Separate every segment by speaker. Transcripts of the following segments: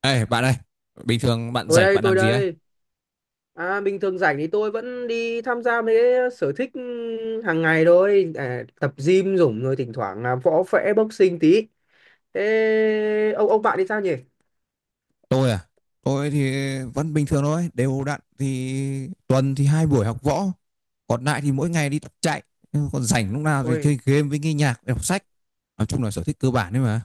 Speaker 1: Ê, bạn ơi, bình thường bạn
Speaker 2: Tôi
Speaker 1: rảnh
Speaker 2: đây,
Speaker 1: bạn
Speaker 2: tôi
Speaker 1: làm gì ấy?
Speaker 2: đây. À, bình thường rảnh thì tôi vẫn đi tham gia mấy cái sở thích hàng ngày thôi. À, tập gym dũng rồi thỉnh thoảng là võ vẽ boxing tí. Thế ông bạn thì sao nhỉ?
Speaker 1: Tôi à? Tôi thì vẫn bình thường thôi, đều đặn thì tuần thì 2 buổi học võ, còn lại thì mỗi ngày đi tập chạy, còn rảnh lúc nào thì
Speaker 2: Ôi,
Speaker 1: chơi game với nghe nhạc, đọc sách. Nói chung là sở thích cơ bản đấy mà.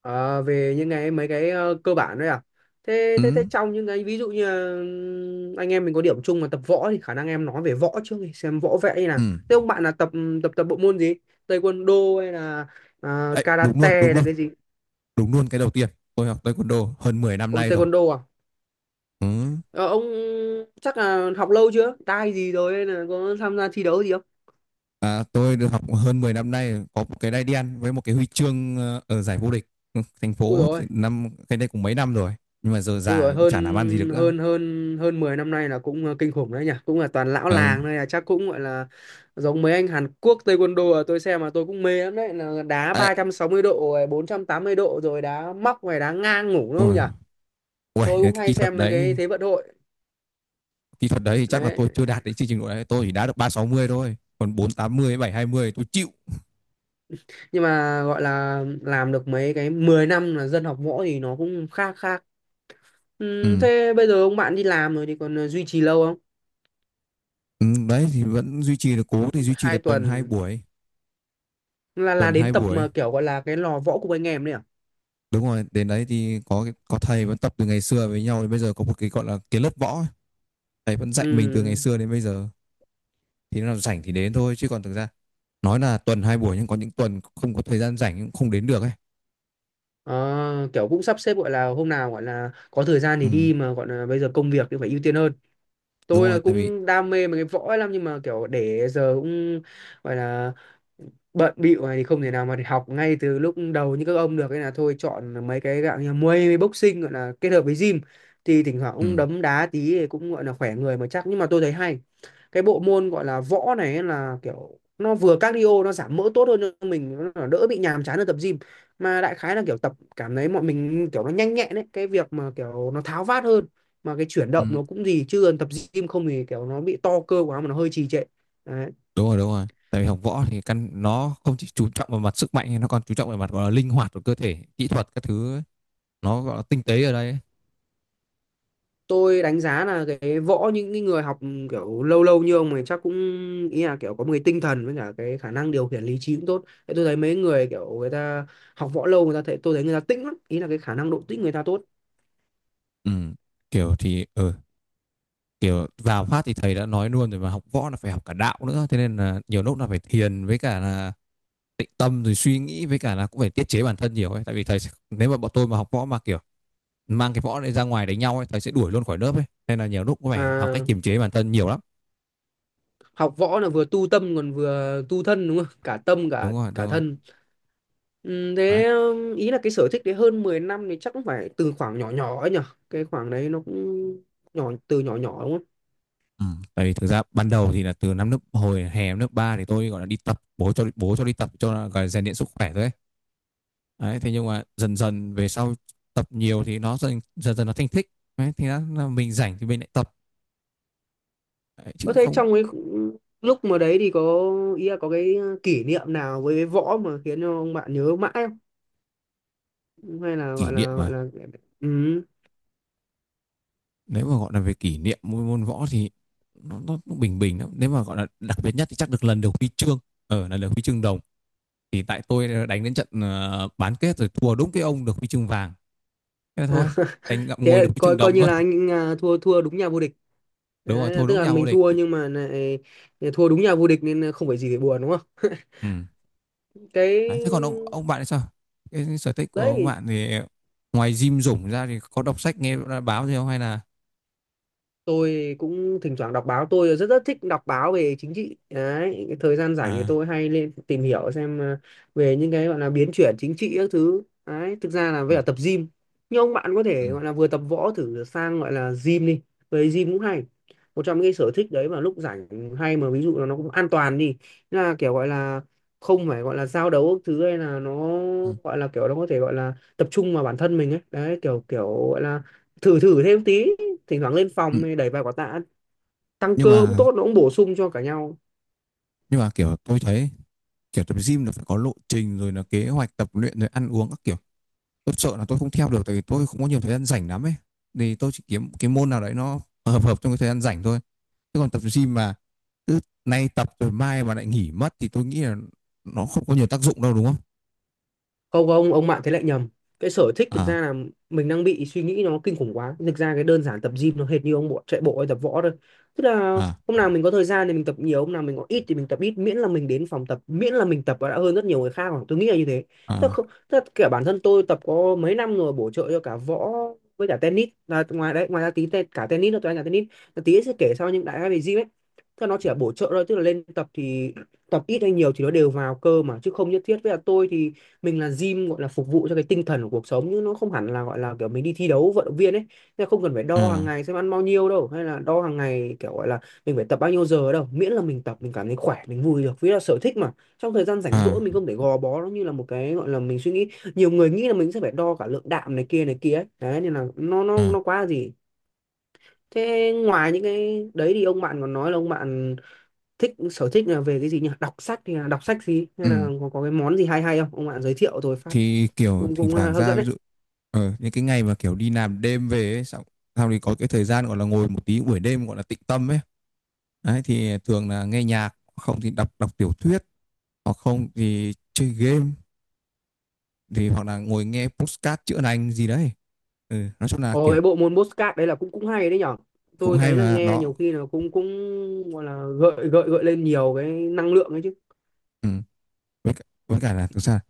Speaker 2: ờ, về những cái cơ bản đấy à? Thế
Speaker 1: Ừ,
Speaker 2: thế thế trong những cái ví dụ như là, anh em mình có điểm chung mà tập võ thì khả năng em nói về võ trước đi, xem võ vẽ như nào.
Speaker 1: ừ.
Speaker 2: Thế ông bạn là tập ừ, tập tập bộ môn gì? Taekwondo hay là à,
Speaker 1: Đấy, đúng luôn, đúng
Speaker 2: karate là
Speaker 1: luôn,
Speaker 2: cái gì?
Speaker 1: đúng luôn cái đầu tiên. Tôi học taekwondo hơn 10 năm
Speaker 2: Ôi
Speaker 1: nay rồi.
Speaker 2: taekwondo à?
Speaker 1: Ừ.
Speaker 2: Ờ, ông chắc là học lâu chưa? Tai gì rồi hay là có tham gia thi đấu gì không?
Speaker 1: À, tôi được học hơn 10 năm nay, có một cái đai đen với một cái huy chương ở giải vô địch thành
Speaker 2: Ui
Speaker 1: phố thì
Speaker 2: rồi,
Speaker 1: năm cái đây cũng mấy năm rồi, nhưng mà giờ
Speaker 2: ui rồi,
Speaker 1: già cũng
Speaker 2: hơn
Speaker 1: chả làm ăn gì được nữa.
Speaker 2: hơn hơn hơn 10 năm nay là cũng kinh khủng đấy nhỉ, cũng là toàn lão
Speaker 1: Ừ.
Speaker 2: làng đây là chắc cũng gọi là giống mấy anh Hàn Quốc taekwondo à, tôi xem mà tôi cũng mê lắm đấy là đá
Speaker 1: Ê,
Speaker 2: 360 độ rồi 480 độ rồi đá móc rồi đá ngang ngủ đúng không
Speaker 1: ôi,
Speaker 2: nhỉ?
Speaker 1: ôi,
Speaker 2: Tôi
Speaker 1: cái
Speaker 2: cũng hay xem mấy cái thế vận hội
Speaker 1: kỹ thuật đấy thì chắc là
Speaker 2: đấy.
Speaker 1: tôi chưa đạt đến chương trình độ đấy, tôi chỉ đá được 360 thôi, còn 480, 720 tôi chịu.
Speaker 2: Nhưng mà gọi là làm được mấy cái 10 năm là dân học võ thì nó cũng khá khá. Ừ,
Speaker 1: Ừ.
Speaker 2: thế bây giờ ông bạn đi làm rồi thì còn duy trì lâu không?
Speaker 1: Ừ, đấy thì vẫn duy trì được, cố thì duy
Speaker 2: Cái
Speaker 1: trì
Speaker 2: Hai
Speaker 1: được tuần hai
Speaker 2: tuần
Speaker 1: buổi,
Speaker 2: là
Speaker 1: tuần hai
Speaker 2: đến tập
Speaker 1: buổi.
Speaker 2: mà kiểu gọi là cái lò võ cùng anh em đấy à?
Speaker 1: Đúng rồi, đến đấy thì có thầy vẫn tập từ ngày xưa với nhau đến bây giờ, có một cái gọi là cái lớp võ, ấy. Thầy vẫn dạy mình từ ngày
Speaker 2: Ừ.
Speaker 1: xưa đến bây giờ. Thì nó nào rảnh thì đến thôi, chứ còn thực ra nói là tuần 2 buổi nhưng có những tuần không có thời gian rảnh cũng không đến được ấy.
Speaker 2: Ờ, kiểu cũng sắp xếp gọi là hôm nào gọi là có thời gian
Speaker 1: Ừ,
Speaker 2: thì đi mà gọi là bây giờ công việc thì phải ưu tiên hơn.
Speaker 1: đúng
Speaker 2: Tôi là
Speaker 1: rồi, tại vì
Speaker 2: cũng đam mê mấy cái võ ấy lắm nhưng mà kiểu để giờ cũng gọi là bận bịu này thì không thể nào mà để học ngay từ lúc đầu như các ông được, nên là thôi chọn mấy cái dạng như Muay với boxing gọi là kết hợp với gym thì thỉnh thoảng
Speaker 1: ừ.
Speaker 2: cũng đấm đá tí thì cũng gọi là khỏe người mà chắc, nhưng mà tôi thấy hay cái bộ môn gọi là võ này ấy, là kiểu nó vừa cardio nó giảm mỡ tốt hơn cho mình, nó đỡ bị nhàm chán ở tập gym, mà đại khái là kiểu tập cảm thấy mọi mình kiểu nó nhanh nhẹn đấy, cái việc mà kiểu nó tháo vát hơn mà cái chuyển
Speaker 1: Ừ.
Speaker 2: động nó cũng gì, chứ còn tập gym không thì kiểu nó bị to cơ quá mà nó hơi trì trệ đấy.
Speaker 1: Đúng rồi, đúng rồi, tại vì học võ thì căn nó không chỉ chú trọng vào mặt sức mạnh, nó còn chú trọng vào mặt gọi là linh hoạt của cơ thể, kỹ thuật các thứ ấy. Nó gọi là tinh tế ở đây ấy.
Speaker 2: Tôi đánh giá là cái võ những cái người học kiểu lâu lâu như ông này chắc cũng, ý là kiểu có một cái tinh thần với cả cái khả năng điều khiển lý trí cũng tốt. Thế tôi thấy mấy người kiểu người ta học võ lâu người ta thấy, tôi thấy người ta tĩnh lắm, ý là cái khả năng độ tĩnh người ta tốt.
Speaker 1: Ừ. Kiểu thì ừ. Kiểu vào phát thì thầy đã nói luôn rồi, mà học võ là phải học cả đạo nữa, thế nên là nhiều lúc là phải thiền với cả là tịnh tâm, rồi suy nghĩ với cả là cũng phải tiết chế bản thân nhiều ấy. Tại vì nếu mà bọn tôi mà học võ mà kiểu mang cái võ này ra ngoài đánh nhau ấy, thầy sẽ đuổi luôn khỏi lớp ấy, nên là nhiều lúc cũng phải học cách
Speaker 2: À,
Speaker 1: kiềm chế bản thân nhiều lắm.
Speaker 2: học võ là vừa tu tâm còn vừa tu thân đúng không, cả tâm cả
Speaker 1: Đúng rồi, đúng
Speaker 2: cả
Speaker 1: rồi.
Speaker 2: thân. Ừ, thế
Speaker 1: Đấy.
Speaker 2: ý là cái sở thích đấy hơn 10 năm thì chắc cũng phải từ khoảng nhỏ nhỏ ấy nhở, cái khoảng đấy nó cũng nhỏ từ nhỏ nhỏ đúng không.
Speaker 1: Ừ. Tại vì thực ra ban đầu thì là từ năm lớp hồi hè năm lớp 3, thì tôi gọi là đi tập, bố cho đi tập, cho là gọi là rèn luyện sức khỏe thôi ấy. Đấy, thế nhưng mà dần dần về sau tập nhiều thì nó dần dần, dần nó thành thích. Đấy, thì nó, là mình rảnh thì mình lại tập, đấy, chứ
Speaker 2: Có
Speaker 1: cũng
Speaker 2: thế
Speaker 1: không.
Speaker 2: trong cái khu- lúc mà đấy thì có ý là có cái kỷ niệm nào với cái võ mà khiến cho ông bạn nhớ mãi không, hay là
Speaker 1: Kỷ
Speaker 2: gọi
Speaker 1: niệm
Speaker 2: là gọi
Speaker 1: mà
Speaker 2: là ừ.
Speaker 1: nếu mà gọi là về kỷ niệm môn võ thì nó cũng bình bình lắm. Nếu mà gọi là đặc biệt nhất thì chắc được lần được huy chương, ở là được huy chương đồng, thì tại tôi đánh đến trận bán kết rồi thua đúng cái ông được huy chương vàng, thế là
Speaker 2: À,
Speaker 1: thôi, đánh ngậm
Speaker 2: thế
Speaker 1: ngùi
Speaker 2: là
Speaker 1: được huy chương
Speaker 2: coi coi
Speaker 1: đồng
Speaker 2: như
Speaker 1: thôi.
Speaker 2: là anh à, thua thua đúng nhà vô địch
Speaker 1: Đúng rồi,
Speaker 2: đấy, là
Speaker 1: thua
Speaker 2: tức
Speaker 1: đúng
Speaker 2: là
Speaker 1: nhà vô
Speaker 2: mình
Speaker 1: địch.
Speaker 2: thua nhưng mà lại thua đúng nhà vô địch nên không phải gì để buồn đúng không.
Speaker 1: Ừ. Đấy, thế còn
Speaker 2: Cái
Speaker 1: ông bạn thì sao? Cái sở thích của ông
Speaker 2: đấy
Speaker 1: bạn thì ngoài gym rủng ra thì có đọc sách, nghe báo gì không, hay là
Speaker 2: tôi cũng thỉnh thoảng đọc báo, tôi rất rất thích đọc báo về chính trị đấy, cái thời gian rảnh thì
Speaker 1: à?
Speaker 2: tôi hay lên tìm hiểu xem về những cái gọi là biến chuyển chính trị các thứ đấy, thực ra là
Speaker 1: Ừ,
Speaker 2: với cả tập gym. Nhưng ông bạn có
Speaker 1: ừ,
Speaker 2: thể gọi là vừa tập võ thử sang gọi là gym đi, với gym cũng hay, một trong những cái sở thích đấy mà lúc rảnh hay, mà ví dụ là nó cũng an toàn đi. Thế là kiểu gọi là không phải gọi là giao đấu các thứ hay là nó
Speaker 1: ừ.
Speaker 2: gọi là kiểu nó có thể gọi là tập trung vào bản thân mình ấy, đấy kiểu kiểu gọi là thử thử thêm tí, thỉnh thoảng lên
Speaker 1: Ừ,
Speaker 2: phòng đẩy vài quả tạ, tăng
Speaker 1: nhưng
Speaker 2: cơ cũng
Speaker 1: mà
Speaker 2: tốt, nó cũng bổ sung cho cả nhau.
Speaker 1: nhưng mà kiểu tôi thấy kiểu tập gym là phải có lộ trình, rồi là kế hoạch tập luyện, rồi ăn uống các kiểu. Tôi sợ là tôi không theo được, tại vì tôi không có nhiều thời gian rảnh lắm ấy, thì tôi chỉ kiếm cái môn nào đấy nó hợp hợp trong cái thời gian rảnh thôi, chứ còn tập gym mà cứ nay tập rồi mai mà lại nghỉ mất thì tôi nghĩ là nó không có nhiều tác dụng đâu, đúng không?
Speaker 2: Không ông bạn thế lại nhầm, cái sở thích thực
Speaker 1: À,
Speaker 2: ra là mình đang bị suy nghĩ nó kinh khủng quá, thực ra cái đơn giản tập gym nó hệt như ông bộ chạy bộ hay tập võ thôi, tức là
Speaker 1: à,
Speaker 2: hôm nào mình có thời gian thì mình tập nhiều, hôm nào mình có ít thì mình tập ít, miễn là mình đến phòng tập, miễn là mình tập và đã hơn rất nhiều người khác rồi, tôi nghĩ là như thế. Tức
Speaker 1: à,
Speaker 2: là không, tức là kể bản thân tôi tập có mấy năm rồi bổ trợ cho cả võ với cả tennis là ngoài đấy, ngoài ra tí te, cả tennis nữa tôi đánh cả tennis, là tí sẽ kể sau những đại gia về gym ấy. Tức là nó chỉ là bổ trợ thôi, tức là lên tập thì tập ít hay nhiều thì nó đều vào cơ mà, chứ không nhất thiết. Với là tôi thì mình là gym gọi là phục vụ cho cái tinh thần của cuộc sống, nhưng nó không hẳn là gọi là kiểu mình đi thi đấu vận động viên ấy, nên không cần phải đo hàng
Speaker 1: à.
Speaker 2: ngày xem ăn bao nhiêu đâu, hay là đo hàng ngày kiểu gọi là mình phải tập bao nhiêu giờ đâu, miễn là mình tập mình cảm thấy khỏe mình vui được vì là sở thích mà, trong thời gian rảnh rỗi
Speaker 1: À,
Speaker 2: mình không thể gò bó nó như là một cái gọi là mình suy nghĩ. Nhiều người nghĩ là mình sẽ phải đo cả lượng đạm này kia ấy, đấy nên là
Speaker 1: à,
Speaker 2: nó quá là gì. Thế ngoài những cái đấy thì ông bạn còn nói là ông bạn thích sở thích là về cái gì nhỉ, đọc sách thì là đọc sách gì, hay là
Speaker 1: ừ.
Speaker 2: có cái món gì hay hay không ông bạn giới thiệu rồi phát,
Speaker 1: Thì kiểu
Speaker 2: cũng
Speaker 1: thỉnh
Speaker 2: cũng
Speaker 1: thoảng
Speaker 2: hấp
Speaker 1: ra
Speaker 2: dẫn
Speaker 1: ví
Speaker 2: đấy.
Speaker 1: dụ những cái ngày mà kiểu đi làm đêm về ấy, xong sau thì có cái thời gian gọi là ngồi một tí buổi đêm gọi là tịnh tâm ấy. Đấy thì thường là nghe nhạc, không thì đọc đọc tiểu thuyết, hoặc không thì chơi game, thì hoặc là ngồi nghe podcast chữa lành gì đấy. Ừ, nói chung là
Speaker 2: Ồ cái
Speaker 1: kiểu
Speaker 2: bộ môn Postcard đấy là cũng cũng hay đấy nhở,
Speaker 1: cũng
Speaker 2: tôi
Speaker 1: hay
Speaker 2: thấy là
Speaker 1: mà
Speaker 2: nghe
Speaker 1: nó
Speaker 2: nhiều khi là cũng cũng gọi là gợi gợi gợi lên nhiều cái năng lượng ấy chứ.
Speaker 1: ừ. Với cả là thực ra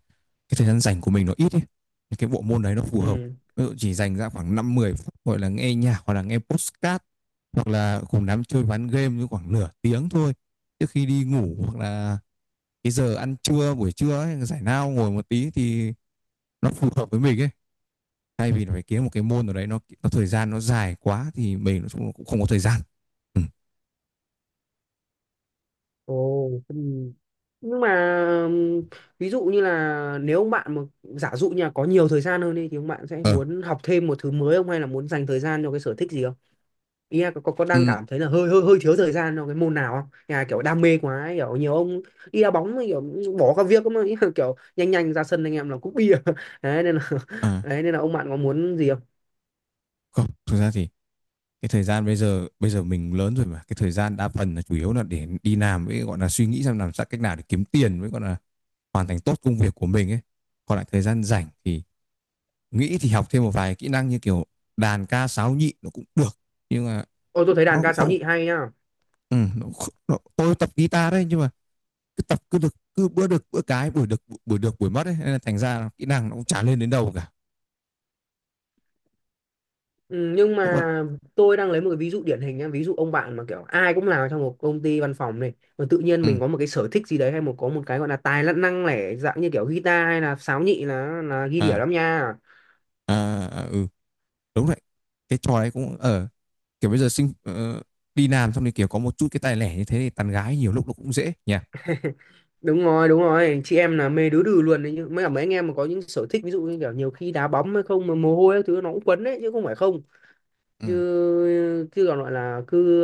Speaker 1: cái thời gian rảnh của mình nó ít ấy. Thì cái bộ môn đấy nó phù hợp,
Speaker 2: Ừ,
Speaker 1: ví dụ chỉ dành ra khoảng 5-10 phút gọi là nghe nhạc hoặc là nghe podcast, hoặc là cùng đám chơi ván game như khoảng nửa tiếng thôi trước khi đi ngủ, hoặc là cái giờ ăn trưa buổi trưa ấy, giải lao ngồi một tí thì nó phù hợp với mình ấy, thay vì là phải kiếm một cái môn nào đấy nó thời gian nó dài quá thì mình nó cũng không có thời gian. Ừ.
Speaker 2: ồ ừ. Nhưng mà ừm, ví dụ như là nếu ông bạn mà giả dụ như là có nhiều thời gian hơn đi thì ông bạn sẽ
Speaker 1: Ờ
Speaker 2: muốn học thêm một thứ mới không, hay là muốn dành thời gian cho cái sở thích gì không, ý là có đang
Speaker 1: ừ.
Speaker 2: cảm thấy là hơi hơi hơi thiếu thời gian trong cái môn nào không nhà kiểu đam mê quá ấy, kiểu nhiều ông đi đá bóng ấy, kiểu bỏ các việc mà ý là kiểu nhanh nhanh ra sân anh em là cúp bia đấy nên là
Speaker 1: À,
Speaker 2: đấy nên là ông bạn có muốn gì không.
Speaker 1: không, thực ra thì cái thời gian bây giờ, bây giờ mình lớn rồi mà cái thời gian đa phần là chủ yếu là để đi làm, với gọi là suy nghĩ xem làm sao cách nào để kiếm tiền, với gọi là hoàn thành tốt công việc của mình ấy. Còn lại thời gian rảnh thì nghĩ thì học thêm một vài kỹ năng như kiểu đàn ca sáo nhị nó cũng được, nhưng mà
Speaker 2: Ôi tôi thấy đàn
Speaker 1: nó
Speaker 2: ca
Speaker 1: cũng
Speaker 2: sáo
Speaker 1: không.
Speaker 2: nhị hay nhá.
Speaker 1: Ừ, nó, tôi tập guitar đấy, nhưng mà cứ tập cứ được, cứ bữa được bữa, cái buổi được buổi được buổi mất ấy, nên là thành ra kỹ năng nó cũng chả lên đến đâu cả.
Speaker 2: Ừ, nhưng
Speaker 1: Thế còn
Speaker 2: mà tôi đang lấy một cái ví dụ điển hình nhá, ví dụ ông bạn mà kiểu ai cũng làm trong một công ty văn phòng này mà tự nhiên
Speaker 1: ừ,
Speaker 2: mình có một cái sở thích gì đấy hay một có một cái gọi là tài năng lẻ dạng như kiểu guitar hay là sáo nhị là ghi đĩa
Speaker 1: à.
Speaker 2: lắm nha.
Speaker 1: À, à, ừ. Đúng đấy, cái trò đấy cũng ở kiểu bây giờ đi làm xong thì kiểu có một chút cái tài lẻ như thế thì tán gái nhiều lúc nó cũng dễ nha.
Speaker 2: Đúng rồi đúng rồi chị em là mê đứa đừ luôn đấy, nhưng mấy cả mấy anh em mà có những sở thích ví dụ như kiểu nhiều khi đá bóng hay không mà mồ hôi các thứ nó cũng quấn đấy chứ không phải không, chứ
Speaker 1: Ừ.
Speaker 2: chứ còn gọi là cứ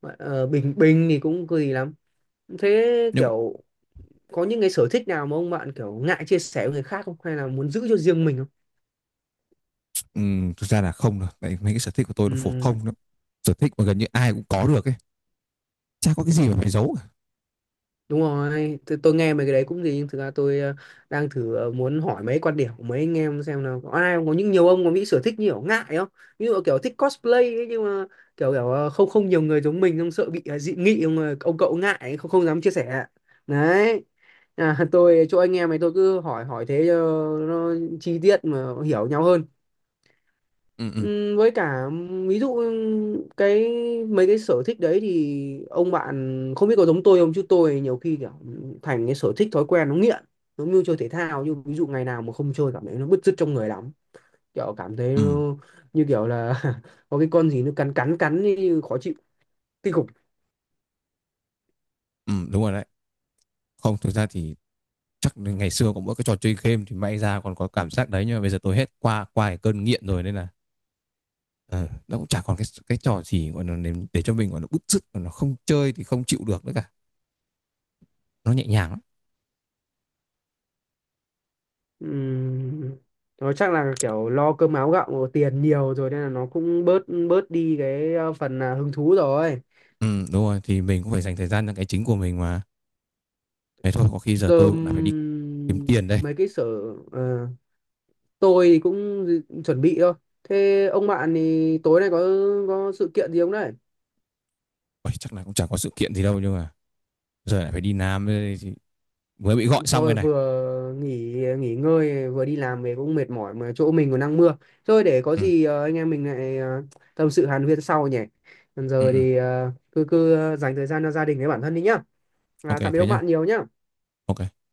Speaker 2: bình bình thì cũng kỳ lắm. Thế
Speaker 1: Nhưng mà
Speaker 2: kiểu có những cái sở thích nào mà ông bạn kiểu ngại chia sẻ với người khác không, hay là muốn giữ cho riêng mình không.
Speaker 1: ừ, thực ra là không đâu, tại mấy cái sở thích của tôi nó
Speaker 2: Ừ.
Speaker 1: phổ thông lắm, sở thích mà gần như ai cũng có được ấy, chả có cái gì mà phải giấu cả.
Speaker 2: Đúng rồi, tôi nghe mấy cái đấy cũng gì, nhưng thực ra tôi đang thử muốn hỏi mấy quan điểm của mấy anh em xem là có ai không? Có những nhiều ông có nghĩ sở thích như kiểu ngại không? Ví dụ kiểu thích cosplay ấy, nhưng mà kiểu kiểu không không nhiều người giống mình không sợ bị dị nghị không ông cậu ngại không không dám chia sẻ. Đấy. À, tôi chỗ anh em này tôi cứ hỏi hỏi thế cho nó chi tiết mà hiểu nhau hơn.
Speaker 1: Ừ, ừ,
Speaker 2: Với cả ví dụ cái mấy cái sở thích đấy thì ông bạn không biết có giống tôi không chứ tôi nhiều khi kiểu thành cái sở thích thói quen nó nghiện, giống như chơi thể thao nhưng ví dụ ngày nào mà không chơi cảm thấy nó bứt rứt trong người lắm, kiểu cảm thấy
Speaker 1: ừ,
Speaker 2: nó, như kiểu là có cái con gì nó cắn cắn cắn như khó chịu kinh khủng.
Speaker 1: ừ, đúng rồi đấy. Không, thực ra thì chắc là ngày xưa có mỗi cái trò chơi game thì may ra còn có cảm giác đấy, nhưng mà bây giờ tôi hết, qua qua cái cơn nghiện rồi, nên là ờ, nó cũng chả còn cái trò gì gọi là để cho mình gọi là bứt rứt mà nó không chơi thì không chịu được nữa cả. Nó nhẹ nhàng lắm.
Speaker 2: Ừm, nó chắc là kiểu lo cơm áo gạo tiền nhiều rồi nên là nó cũng bớt bớt đi cái phần à, hứng thú rồi.
Speaker 1: Ừ, đúng rồi, thì mình cũng phải dành thời gian cho cái chính của mình mà, thế thôi, có khi giờ
Speaker 2: Giờ
Speaker 1: tôi cũng đã phải đi kiếm tiền đây.
Speaker 2: mấy cái sở ờ, tôi thì cũng dự- chuẩn bị thôi. Thế ông bạn thì tối nay có sự kiện gì không đấy?
Speaker 1: Ôi, chắc là cũng chẳng có sự kiện gì đâu, nhưng mà giờ lại phải đi Nam đây thì mới bị gọi xong cái
Speaker 2: Trời
Speaker 1: này.
Speaker 2: vừa nghỉ nghỉ ngơi vừa đi làm về cũng mệt mỏi mà chỗ mình còn đang mưa. Thôi để có
Speaker 1: Ừ,
Speaker 2: gì anh em mình lại tâm sự hàn huyên sau nhỉ. Còn
Speaker 1: ừ,
Speaker 2: giờ
Speaker 1: ừ.
Speaker 2: thì cứ cứ dành thời gian cho gia đình với bản thân đi nhá. À,
Speaker 1: OK
Speaker 2: tạm biệt
Speaker 1: thế
Speaker 2: ông
Speaker 1: nhá.
Speaker 2: bạn nhiều nhá.
Speaker 1: OK.